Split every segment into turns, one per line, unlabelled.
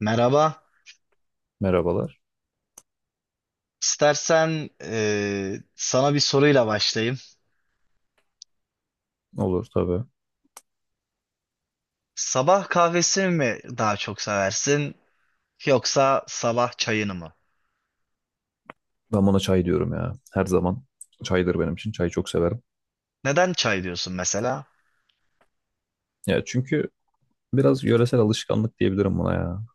Merhaba.
Merhabalar.
İstersen sana bir soruyla başlayayım.
Olur tabii.
Sabah kahvesini mi daha çok seversin yoksa sabah çayını mı?
Ben buna çay diyorum ya. Her zaman çaydır benim için. Çayı çok severim.
Neden çay diyorsun mesela?
Ya çünkü biraz yöresel alışkanlık diyebilirim buna ya.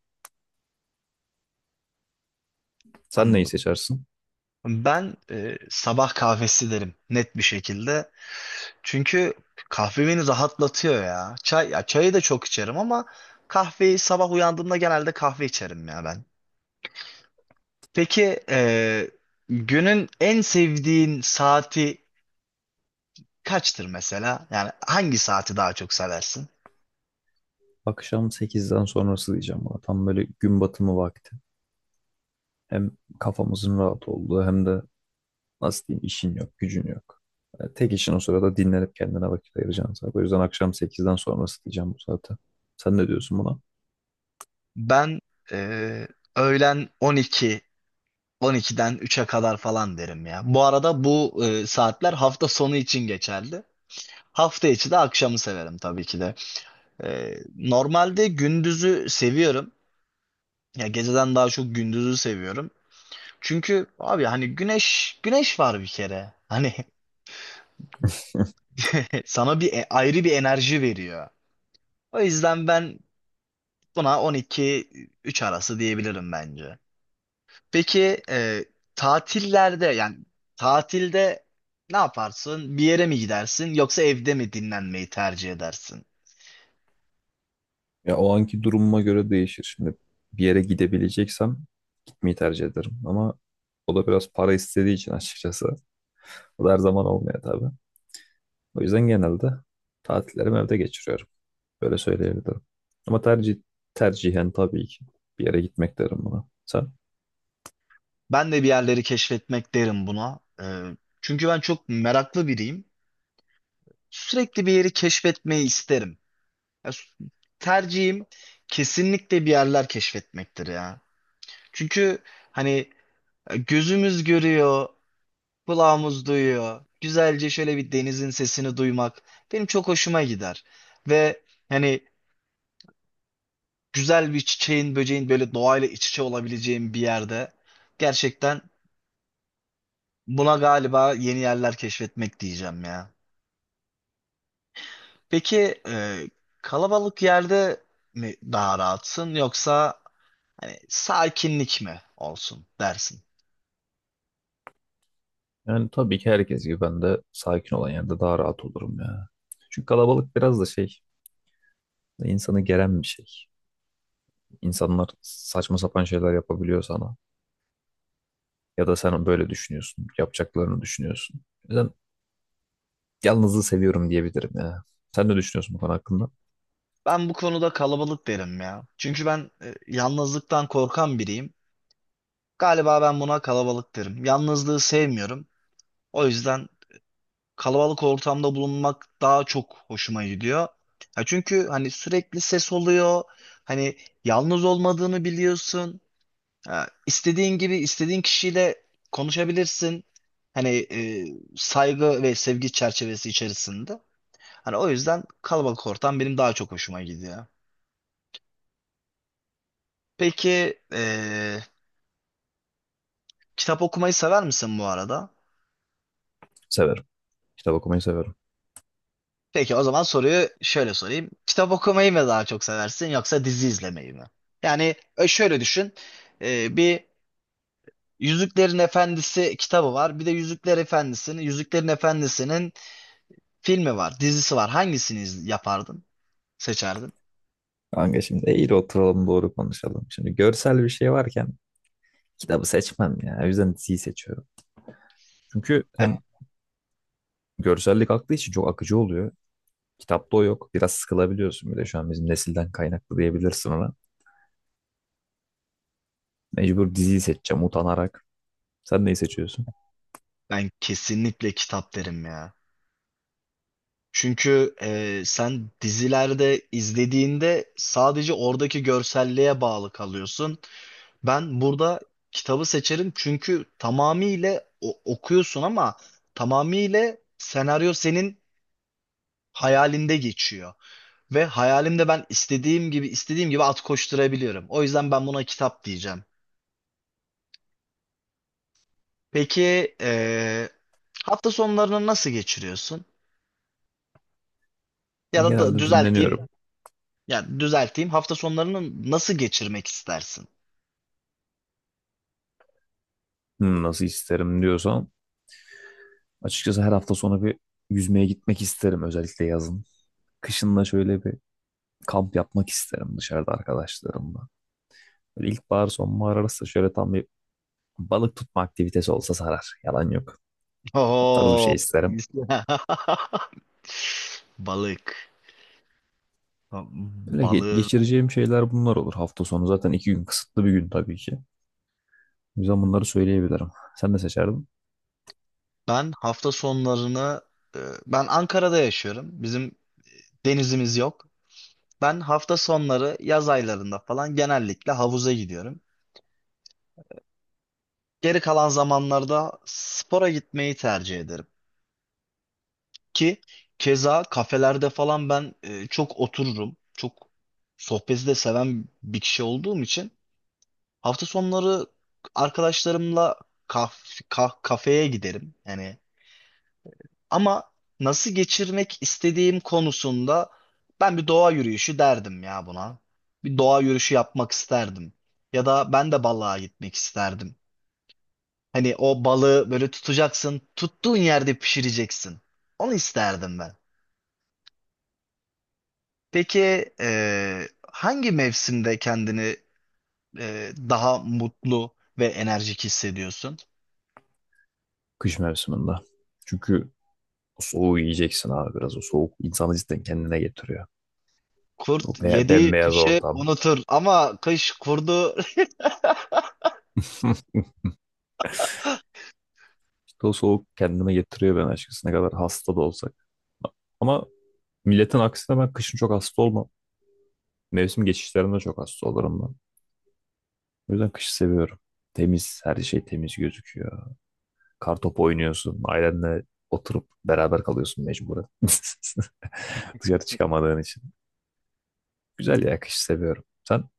Sen neyi
Anladım.
seçersin?
Ben sabah kahvesi derim net bir şekilde. Çünkü kahve beni rahatlatıyor ya. Çay, ya çayı da çok içerim ama kahveyi sabah uyandığımda genelde kahve içerim ya ben. Peki günün en sevdiğin saati kaçtır mesela? Yani hangi saati daha çok seversin?
Akşam sekizden sonrası diyeceğim buna. Tam böyle gün batımı vakti. Hem kafamızın rahat olduğu hem de nasıl diyeyim işin yok, gücün yok. Yani tek işin o sırada dinlenip kendine vakit ayıracaksın zaten. O yüzden akşam 8'den sonrası diyeceğim bu saate. Sen ne diyorsun buna?
Ben e, öğlen 12, 12'den 3'e kadar falan derim ya. Bu arada bu saatler hafta sonu için geçerli. Hafta içi de akşamı severim tabii ki de. Normalde gündüzü seviyorum. Ya geceden daha çok gündüzü seviyorum. Çünkü abi hani güneş güneş var bir kere. Hani sana bir ayrı bir enerji veriyor. O yüzden ben buna 12 3 arası diyebilirim bence. Peki tatillerde yani tatilde ne yaparsın? Bir yere mi gidersin yoksa evde mi dinlenmeyi tercih edersin?
Ya o anki durumuma göre değişir. Şimdi bir yere gidebileceksem mi tercih ederim. Ama o da biraz para istediği için açıkçası. O da her zaman olmuyor tabii. O yüzden genelde tatillerimi evde geçiriyorum. Böyle söyleyebilirim. Ama tercihen tabii ki bir yere gitmek derim buna. Sen?
Ben de bir yerleri keşfetmek derim buna. Çünkü ben çok meraklı biriyim. Sürekli bir yeri keşfetmeyi isterim. Ya, tercihim kesinlikle bir yerler keşfetmektir ya. Çünkü hani gözümüz görüyor, kulağımız duyuyor. Güzelce şöyle bir denizin sesini duymak benim çok hoşuma gider. Ve hani güzel bir çiçeğin, böceğin böyle doğayla iç içe olabileceğim bir yerde. Gerçekten buna galiba yeni yerler keşfetmek diyeceğim ya. Peki kalabalık yerde mi daha rahatsın yoksa hani sakinlik mi olsun dersin?
Yani tabii ki herkes gibi ben de sakin olan yerde daha rahat olurum ya. Çünkü kalabalık biraz da şey, insanı geren bir şey. İnsanlar saçma sapan şeyler yapabiliyor sana. Ya da sen böyle düşünüyorsun, yapacaklarını düşünüyorsun. O yüzden yalnızlığı seviyorum diyebilirim ya. Sen ne düşünüyorsun bu konu hakkında?
Ben bu konuda kalabalık derim ya. Çünkü ben yalnızlıktan korkan biriyim. Galiba ben buna kalabalık derim. Yalnızlığı sevmiyorum. O yüzden kalabalık ortamda bulunmak daha çok hoşuma gidiyor. Ya çünkü hani sürekli ses oluyor. Hani yalnız olmadığını biliyorsun. Ya istediğin gibi istediğin kişiyle konuşabilirsin. Hani saygı ve sevgi çerçevesi içerisinde. Hani o yüzden kalabalık ortam benim daha çok hoşuma gidiyor. Peki kitap okumayı sever misin bu arada?
Severim. Kitap okumayı severim.
Peki o zaman soruyu şöyle sorayım. Kitap okumayı mı daha çok seversin yoksa dizi izlemeyi mi? Yani şöyle düşün. Bir Yüzüklerin Efendisi kitabı var. Bir de Yüzüklerin Efendisi'nin filmi var, dizisi var. Hangisini yapardın? Seçerdin?
Kanka şimdi eğri oturalım doğru konuşalım. Şimdi görsel bir şey varken kitabı seçmem ya. O yüzden diziyi seçiyorum. Çünkü
Eh,
hem görsellik aklı için çok akıcı oluyor. Kitapta o yok. Biraz sıkılabiliyorsun bir şu an bizim nesilden kaynaklı diyebilirsin ona. Mecbur diziyi seçeceğim utanarak. Sen neyi seçiyorsun?
Ben kesinlikle kitap derim ya. Çünkü sen dizilerde izlediğinde sadece oradaki görselliğe bağlı kalıyorsun. Ben burada kitabı seçerim çünkü tamamıyla okuyorsun ama tamamıyla senaryo senin hayalinde geçiyor. Ve hayalimde ben istediğim gibi istediğim gibi at koşturabiliyorum. O yüzden ben buna kitap diyeceğim. Peki hafta sonlarını nasıl geçiriyorsun? Ya da
Genelde
düzelteyim,
dinleniyorum.
ya düzelteyim hafta sonlarını nasıl geçirmek istersin?
Nasıl isterim diyorsan. Açıkçası her hafta sonu bir yüzmeye gitmek isterim özellikle yazın. Kışın da şöyle bir kamp yapmak isterim dışarıda arkadaşlarımla. Böyle ilkbahar sonbahar arası şöyle tam bir balık tutma aktivitesi olsa sarar. Yalan yok. O tarz bir
Oo,
şey isterim.
iyisi. balık.
Böyle
Balığın.
geçireceğim şeyler bunlar olur. Hafta sonu zaten 2 gün kısıtlı bir gün tabii ki. O yüzden bunları söyleyebilirim. Sen ne seçerdin?
Ben hafta sonlarını e, ben Ankara'da yaşıyorum. Bizim denizimiz yok. Ben hafta sonları yaz aylarında falan genellikle havuza gidiyorum. Geri kalan zamanlarda spora gitmeyi tercih ederim. Ki keza kafelerde falan ben çok otururum. Çok sohbeti de seven bir kişi olduğum için hafta sonları arkadaşlarımla kafeye giderim. Yani ama nasıl geçirmek istediğim konusunda ben bir doğa yürüyüşü derdim ya buna. Bir doğa yürüyüşü yapmak isterdim. Ya da ben de balığa gitmek isterdim. Hani o balığı böyle tutacaksın, tuttuğun yerde pişireceksin. Onu isterdim ben. Peki hangi mevsimde kendini daha mutlu ve enerjik hissediyorsun?
Kış mevsiminde. Çünkü o soğuğu yiyeceksin abi biraz. O soğuk insanı cidden kendine getiriyor. O
Kurt
be
yediği
bembeyaz
kışı
ortam.
unutur ama kış kurdu.
İşte o soğuk kendime getiriyor ben açıkçası ne kadar hasta da olsak. Ama milletin aksine ben kışın çok hasta olmam. Mevsim geçişlerinde çok hasta olurum ben. O yüzden kışı seviyorum. Temiz, her şey temiz gözüküyor. Kartopu oynuyorsun, ailenle oturup beraber kalıyorsun mecburen. Dışarı çıkamadığın için. Güzel ya, kışı seviyorum. Sen?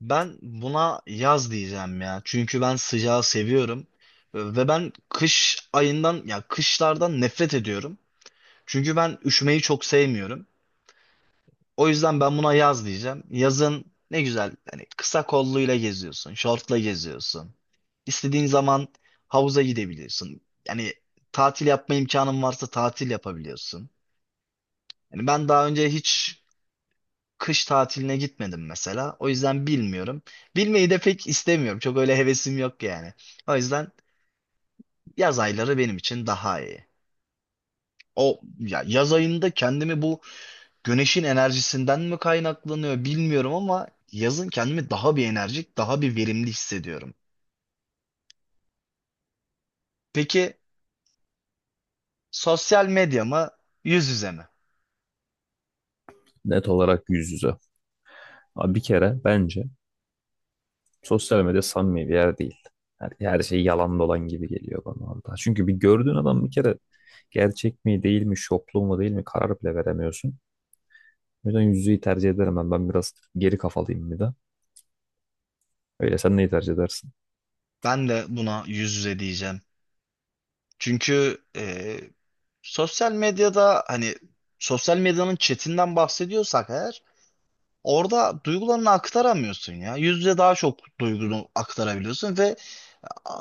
Ben buna yaz diyeceğim ya. Çünkü ben sıcağı seviyorum. Ve ben kış ayından ya kışlardan nefret ediyorum. Çünkü ben üşümeyi çok sevmiyorum. O yüzden ben buna yaz diyeceğim. Yazın ne güzel hani kısa kolluyla geziyorsun, şortla geziyorsun. İstediğin zaman havuza gidebiliyorsun. Yani tatil yapma imkanın varsa tatil yapabiliyorsun. Yani ben daha önce hiç kış tatiline gitmedim mesela. O yüzden bilmiyorum. Bilmeyi de pek istemiyorum. Çok öyle hevesim yok yani. O yüzden yaz ayları benim için daha iyi. O ya yaz ayında kendimi bu güneşin enerjisinden mi kaynaklanıyor bilmiyorum ama yazın kendimi daha bir enerjik, daha bir verimli hissediyorum. Peki sosyal medya mı, yüz yüze mi?
Net olarak yüz yüze. Abi bir kere bence sosyal medya samimi bir yer değil. Her şey yalan dolan gibi geliyor bana orada. Çünkü bir gördüğün adam bir kere gerçek mi değil mi, şoplu mu değil mi karar bile veremiyorsun. O yüzden yüz yüzeyi tercih ederim ben. Ben biraz geri kafalıyım bir de. Öyle sen neyi tercih edersin?
Ben de buna yüz yüze diyeceğim. Çünkü sosyal medyada hani sosyal medyanın chatinden bahsediyorsak eğer orada duygularını aktaramıyorsun ya. Yüz yüze daha çok duygunu aktarabiliyorsun ve a-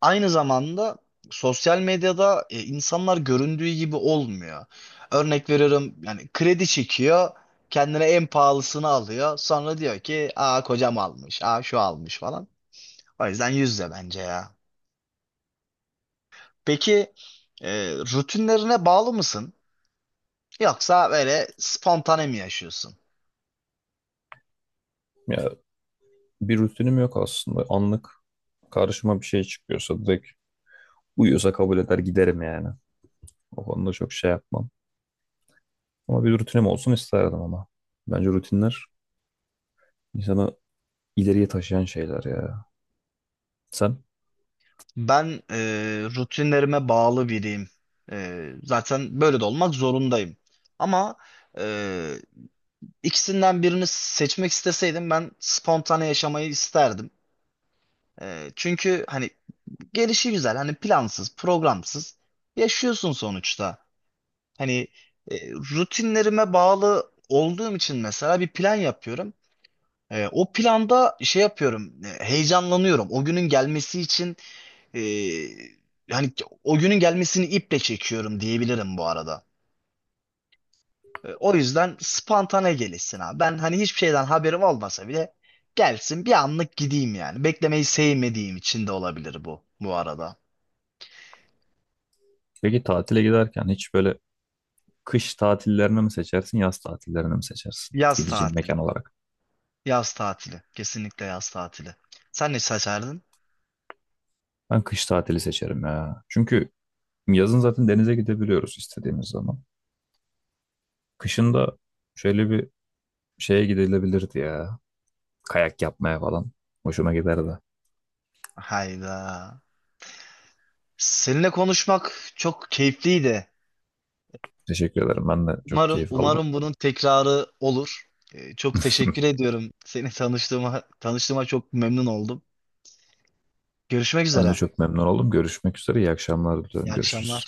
aynı zamanda sosyal medyada insanlar göründüğü gibi olmuyor. Örnek veriyorum yani kredi çekiyor, kendine en pahalısını alıyor. Sonra diyor ki, "Aa kocam almış, aa şu almış" falan. O yüzden yüz yüze bence ya. Peki rutinlerine bağlı mısın? Yoksa böyle spontane mi yaşıyorsun?
Ya bir rutinim yok aslında. Anlık karşıma bir şey çıkıyorsa direkt uyuyorsa kabul eder giderim yani. O konuda çok şey yapmam. Ama bir rutinim olsun isterdim ama. Bence rutinler insanı ileriye taşıyan şeyler ya. Sen?
Ben rutinlerime bağlı biriyim. Zaten böyle de olmak zorundayım. Ama e, ikisinden birini seçmek isteseydim ben spontane yaşamayı isterdim. Çünkü hani gelişi güzel, hani plansız, programsız yaşıyorsun sonuçta. Hani rutinlerime bağlı olduğum için mesela bir plan yapıyorum. O planda şey yapıyorum, heyecanlanıyorum. O günün gelmesi için Ee, yani o günün gelmesini iple çekiyorum diyebilirim bu arada. O yüzden spontane gelişsin abi. Ben hani hiçbir şeyden haberim olmasa bile gelsin bir anlık gideyim yani. Beklemeyi sevmediğim için de olabilir bu arada.
Peki tatile giderken hiç böyle kış tatillerini mi seçersin, yaz tatillerini mi seçersin
Yaz
gideceğin
tatili.
mekan olarak?
Yaz tatili. Kesinlikle yaz tatili. Sen ne seçerdin?
Ben kış tatili seçerim ya. Çünkü yazın zaten denize gidebiliyoruz istediğimiz zaman. Kışın da şöyle bir şeye gidilebilirdi ya. Kayak yapmaya falan. Hoşuma giderdi.
Hayda. Seninle konuşmak çok keyifliydi.
Teşekkür ederim. Ben de çok
Umarım
keyif aldım.
umarım bunun tekrarı olur. Çok teşekkür ediyorum. Seni tanıştığıma çok memnun oldum. Görüşmek
Ben de
üzere.
çok memnun oldum. Görüşmek üzere. İyi akşamlar
İyi
diliyorum.
akşamlar.
Görüşürüz.